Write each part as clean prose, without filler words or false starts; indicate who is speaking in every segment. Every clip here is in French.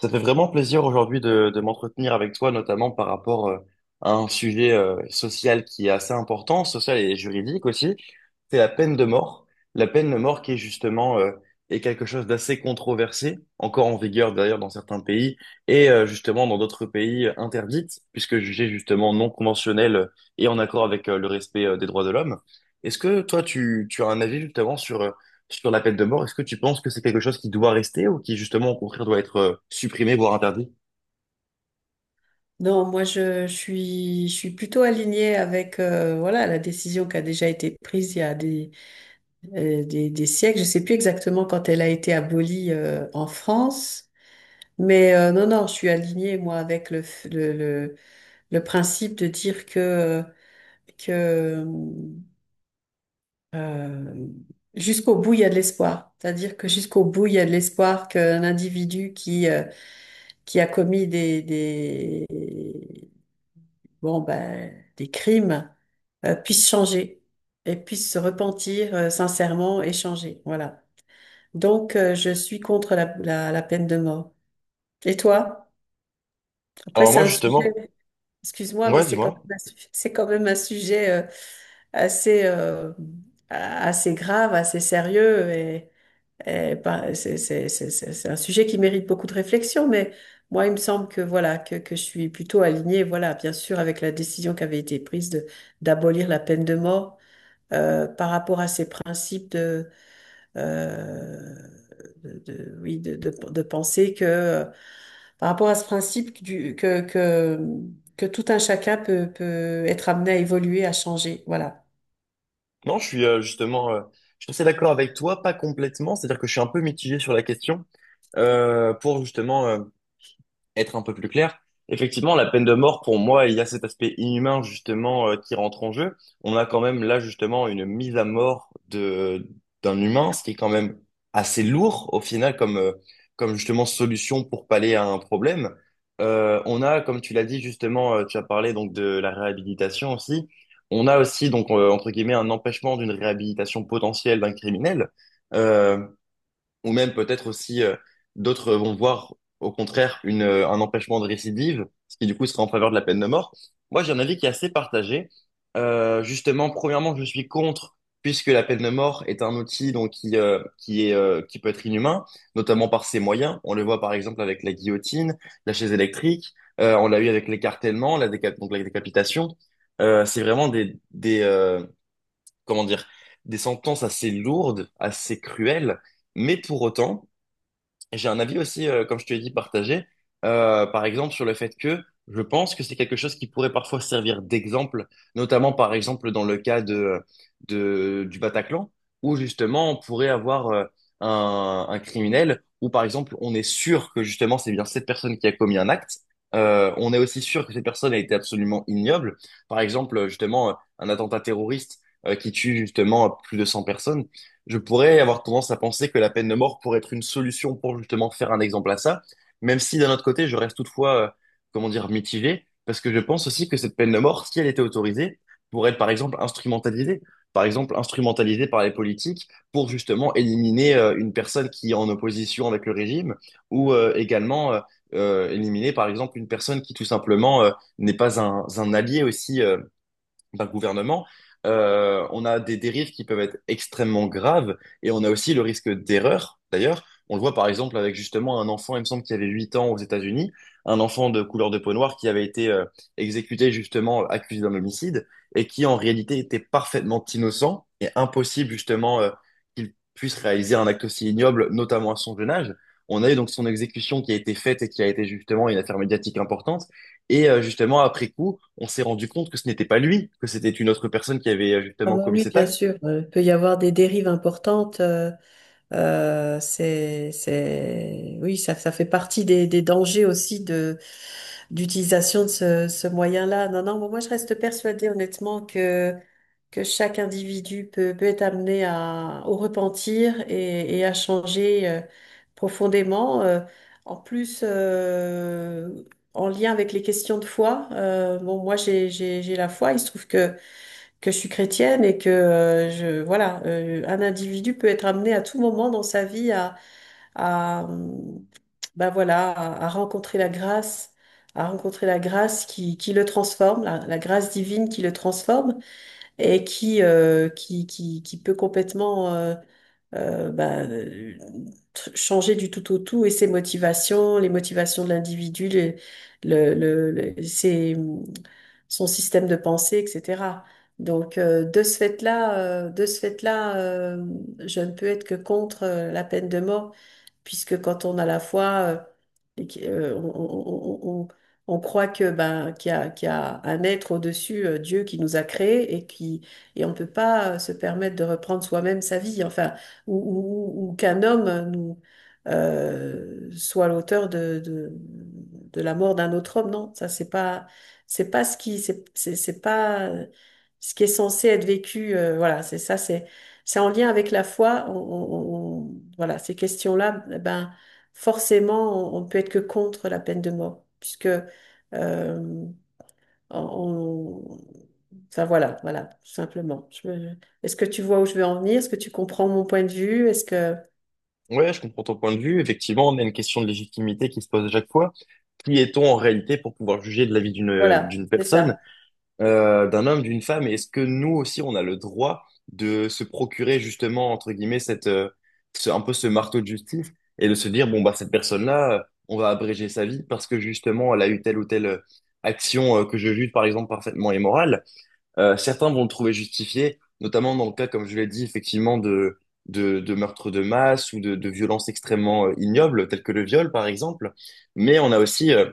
Speaker 1: Ça fait vraiment plaisir aujourd'hui de m'entretenir avec toi, notamment par rapport à un sujet social qui est assez important, social et juridique aussi, c'est la peine de mort. La peine de mort qui est justement est quelque chose d'assez controversé, encore en vigueur d'ailleurs dans certains pays, et justement dans d'autres pays interdite, puisque jugée justement non conventionnelle et en accord avec le respect des droits de l'homme. Est-ce que toi, tu as un avis justement sur, sur la peine de mort? Est-ce que tu penses que c'est quelque chose qui doit rester ou qui justement au contraire doit être supprimé, voire interdit?
Speaker 2: Non, moi je suis plutôt alignée avec voilà la décision qui a déjà été prise il y a des siècles. Je sais plus exactement quand elle a été abolie en France, mais non, non, je suis alignée moi avec le, f- le principe de dire que euh, jusqu'au bout il y a de l'espoir. C'est-à-dire que jusqu'au bout il y a de l'espoir qu'un individu qui qui a commis des bon, ben, des crimes puissent changer et puissent se repentir sincèrement et changer. Voilà. Donc, je suis contre la peine de mort. Et toi? Après,
Speaker 1: Alors
Speaker 2: c'est
Speaker 1: moi
Speaker 2: un
Speaker 1: justement,
Speaker 2: sujet, excuse-moi, mais
Speaker 1: ouais,
Speaker 2: c'est quand
Speaker 1: dis-moi.
Speaker 2: même un, su- c'est quand même un sujet assez, assez grave, assez sérieux. Et, eh ben, c'est un sujet qui mérite beaucoup de réflexion, mais moi, il me semble que voilà que je suis plutôt alignée, voilà, bien sûr, avec la décision qui avait été prise de d'abolir la peine de mort par rapport à ces principes de, euh, oui de penser que par rapport à ce principe du que tout un chacun peut être amené à évoluer, à changer, voilà.
Speaker 1: Non, je suis justement, je suis assez d'accord avec toi, pas complètement, c'est-à-dire que je suis un peu mitigé sur la question. Pour justement, être un peu plus clair, effectivement, la peine de mort, pour moi, il y a cet aspect inhumain, justement, qui rentre en jeu. On a quand même là, justement, une mise à mort d'un humain, ce qui est quand même assez lourd, au final, comme justement solution pour pallier à un problème. On a, comme tu l'as dit, justement, tu as parlé donc de la réhabilitation aussi. On a aussi, donc, entre guillemets, un empêchement d'une réhabilitation potentielle d'un criminel. Euh, ou même peut-être aussi d'autres vont voir au contraire un empêchement de récidive, ce qui du coup sera en faveur de la peine de mort. Moi, j'ai un avis qui est assez partagé. Justement, premièrement, je suis contre, puisque la peine de mort est un outil donc qui peut être inhumain, notamment par ses moyens. On le voit par exemple avec la guillotine, la chaise électrique. On l'a eu avec l'écartèlement, donc la décapitation. C'est vraiment des comment dire, des sentences assez lourdes, assez cruelles. Mais pour autant, j'ai un avis aussi, comme je te l'ai dit, partagé, par exemple sur le fait que je pense que c'est quelque chose qui pourrait parfois servir d'exemple, notamment par exemple dans le cas du Bataclan, où justement on pourrait avoir un criminel, où par exemple on est sûr que justement c'est bien cette personne qui a commis un acte. On est aussi sûr que cette personne a été absolument ignoble, par exemple justement un attentat terroriste qui tue justement plus de 100 personnes. Je pourrais avoir tendance à penser que la peine de mort pourrait être une solution pour justement faire un exemple à ça, même si d'un autre côté, je reste toutefois, comment dire, mitigé, parce que je pense aussi que cette peine de mort, si elle était autorisée, pourrait être par exemple instrumentalisée. Par exemple, instrumentalisée par les politiques pour justement éliminer une personne qui est en opposition avec le régime, ou également éliminer par exemple une personne qui tout simplement n'est pas un allié aussi d'un gouvernement. On a des dérives qui peuvent être extrêmement graves et on a aussi le risque d'erreur. D'ailleurs, on le voit par exemple avec justement un enfant, il me semble qu'il avait 8 ans aux États-Unis, un enfant de couleur de peau noire qui avait été exécuté, justement accusé d'un homicide et qui en réalité était parfaitement innocent, et impossible justement qu'il puisse réaliser un acte aussi ignoble, notamment à son jeune âge. On a eu donc son exécution qui a été faite et qui a été justement une affaire médiatique importante. Et justement, après coup, on s'est rendu compte que ce n'était pas lui, que c'était une autre personne qui avait
Speaker 2: Ah
Speaker 1: justement
Speaker 2: bah
Speaker 1: commis
Speaker 2: oui,
Speaker 1: cet
Speaker 2: bien
Speaker 1: acte.
Speaker 2: sûr, il peut y avoir des dérives importantes. Oui, ça fait partie des dangers aussi de d'utilisation de ce, ce moyen-là. Non, non, moi je reste persuadée honnêtement que chaque individu peut être amené à, au repentir et à changer profondément. En plus, en lien avec les questions de foi, bon, moi j'ai la foi. Il se trouve que je suis chrétienne et que je voilà un individu peut être amené à tout moment dans sa vie à ben voilà à rencontrer la grâce, à rencontrer la grâce qui le transforme, la grâce divine qui le transforme et qui peut complètement euh, ben, euh, changer du tout au tout et ses motivations, les motivations de l'individu, le, le, le- ses- son système de pensée, etc. Donc, de ce fait-là, je ne peux être que contre la peine de mort puisque quand on a la foi, et qu'- on croit que ben qu'il y a un être au-dessus, Dieu qui nous a créés et qui et on peut pas se permettre de reprendre soi-même sa vie, enfin ou qu'un homme nous soit l'auteur de la mort d'un autre homme, non, ça c'est pas ce qui est censé être vécu, voilà, c'est ça, c'est en lien avec la foi. Voilà, ces questions-là, eh ben, forcément, on peut être que contre la peine de mort, puisque, euh, on, enfin voilà, voilà, tout simplement. Je me- est-ce que tu vois où je veux en venir? Est-ce que tu comprends mon point de vue? Est-ce que,
Speaker 1: Ouais, je comprends ton point de vue. Effectivement, on a une question de légitimité qui se pose à chaque fois. Qui est-on en réalité pour pouvoir juger de la vie
Speaker 2: voilà,
Speaker 1: d'une
Speaker 2: c'est
Speaker 1: personne,
Speaker 2: ça.
Speaker 1: d'un homme, d'une femme? Et est-ce que nous aussi, on a le droit de se procurer justement, entre guillemets, un peu ce marteau de justice et de se dire, bon, bah, cette personne-là, on va abréger sa vie parce que justement, elle a eu telle ou telle action que je juge, par exemple, parfaitement immorale. Certains vont le trouver justifié, notamment dans le cas, comme je l'ai dit, effectivement, de meurtres de masse ou de violences extrêmement ignobles, telles que le viol, par exemple. Mais on a aussi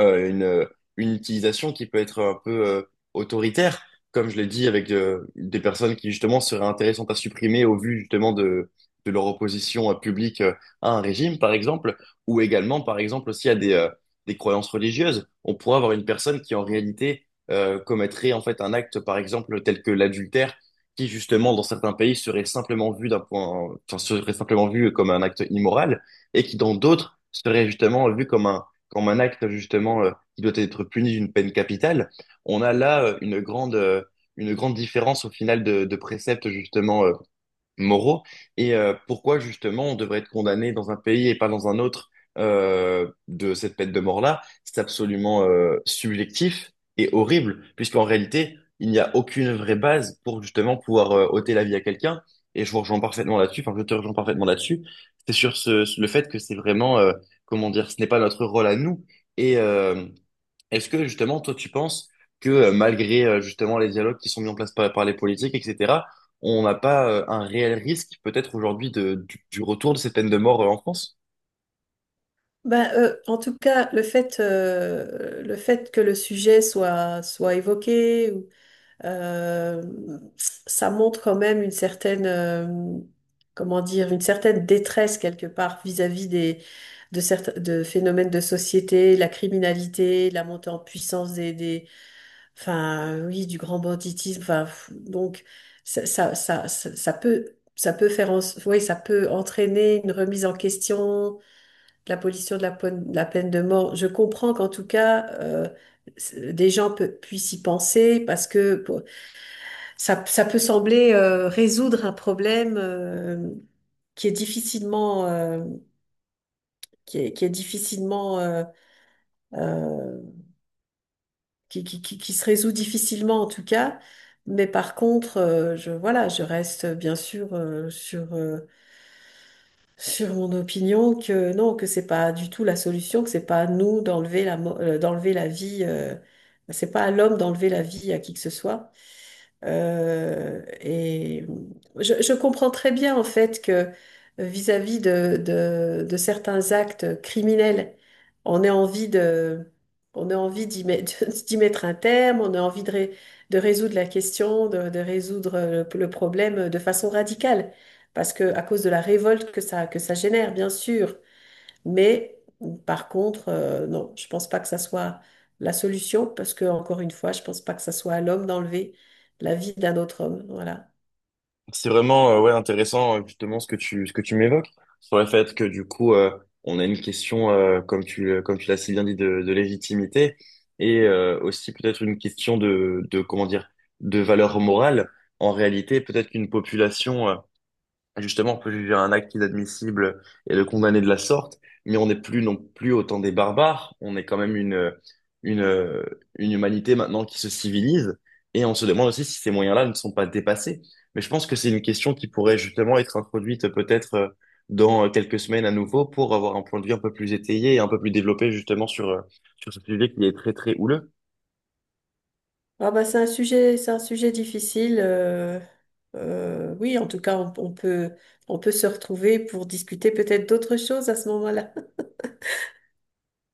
Speaker 1: euh, une, euh, une utilisation qui peut être un peu autoritaire, comme je l'ai dit, avec des personnes qui justement seraient intéressantes à supprimer au vu justement de leur opposition publique à un régime, par exemple, ou également, par exemple, aussi à des croyances religieuses. On pourrait avoir une personne qui en réalité commettrait en fait un acte, par exemple, tel que l'adultère, qui justement dans certains pays serait simplement vu d'un point, enfin, serait simplement vu comme un acte immoral, et qui dans d'autres serait justement vu comme un acte justement qui doit être puni d'une peine capitale. On a là une grande différence au final de préceptes justement moraux, et pourquoi justement on devrait être condamné dans un pays et pas dans un autre de cette peine de mort-là. C'est absolument subjectif et horrible, puisqu'en réalité, il n'y a aucune vraie base pour justement pouvoir ôter la vie à quelqu'un. Et je vous rejoins parfaitement là-dessus, enfin je te rejoins parfaitement là-dessus. C'est sur ce, le fait que c'est vraiment, comment dire, ce n'est pas notre rôle à nous. Et, est-ce que justement, toi, tu penses que malgré justement les dialogues qui sont mis en place par, par les politiques, etc., on n'a pas un réel risque peut-être aujourd'hui du retour de ces peines de mort en France?
Speaker 2: Ben, en tout cas, le fait que le sujet soit évoqué, Euh, ça montre quand même une certaine, comment dire, une certaine détresse quelque part vis-à-vis de certains de phénomènes de société, la criminalité, la montée en puissance enfin, oui, du grand banditisme. Enfin, pff, donc, ça peut faire, en- oui, ça peut entraîner une remise en question, de l'abolition de de la peine de mort. Je comprends qu'en tout cas, des gens pe- puissent y penser parce que ça peut sembler résoudre un problème qui est difficilement, qui est difficilement, euh, qui se résout difficilement en tout cas. Mais par contre, voilà, je reste bien sûr sur mon opinion que non, que c'est pas du tout la solution, que c'est pas à nous d'enlever d'enlever la vie, c'est pas à l'homme d'enlever la vie à qui que ce soit. Euh, et je comprends très bien en fait que vis-à-vis de certains actes criminels, on ait envie de, on ait envie d'y mettre, d'y mettre un terme, on a envie de résoudre la question, de résoudre le problème de façon radicale, parce que à cause de la révolte que ça génère, bien sûr, mais par contre, non, je pense pas que ça soit la solution parce que, encore une fois, je pense pas que ça soit à l'homme d'enlever la vie d'un autre homme. Voilà.
Speaker 1: C'est vraiment ouais, intéressant justement ce que ce que tu m'évoques sur le fait que du coup, on a une question, comme tu l'as si bien dit, de légitimité, et aussi peut-être une question de, comment dire, de valeur morale. En réalité, peut-être qu'une population justement, on peut juger un acte inadmissible et le condamner de la sorte, mais on n'est plus non plus autant des barbares. On est quand même une, une humanité maintenant qui se civilise, et on se demande aussi si ces moyens-là ne sont pas dépassés. Mais je pense que c'est une question qui pourrait justement être introduite peut-être dans quelques semaines à nouveau pour avoir un point de vue un peu plus étayé et un peu plus développé justement sur, sur ce sujet qui est très très houleux.
Speaker 2: Ah bah, c'est un sujet difficile. Oui, en tout cas, on peut se retrouver pour discuter peut-être d'autres choses à ce moment-là.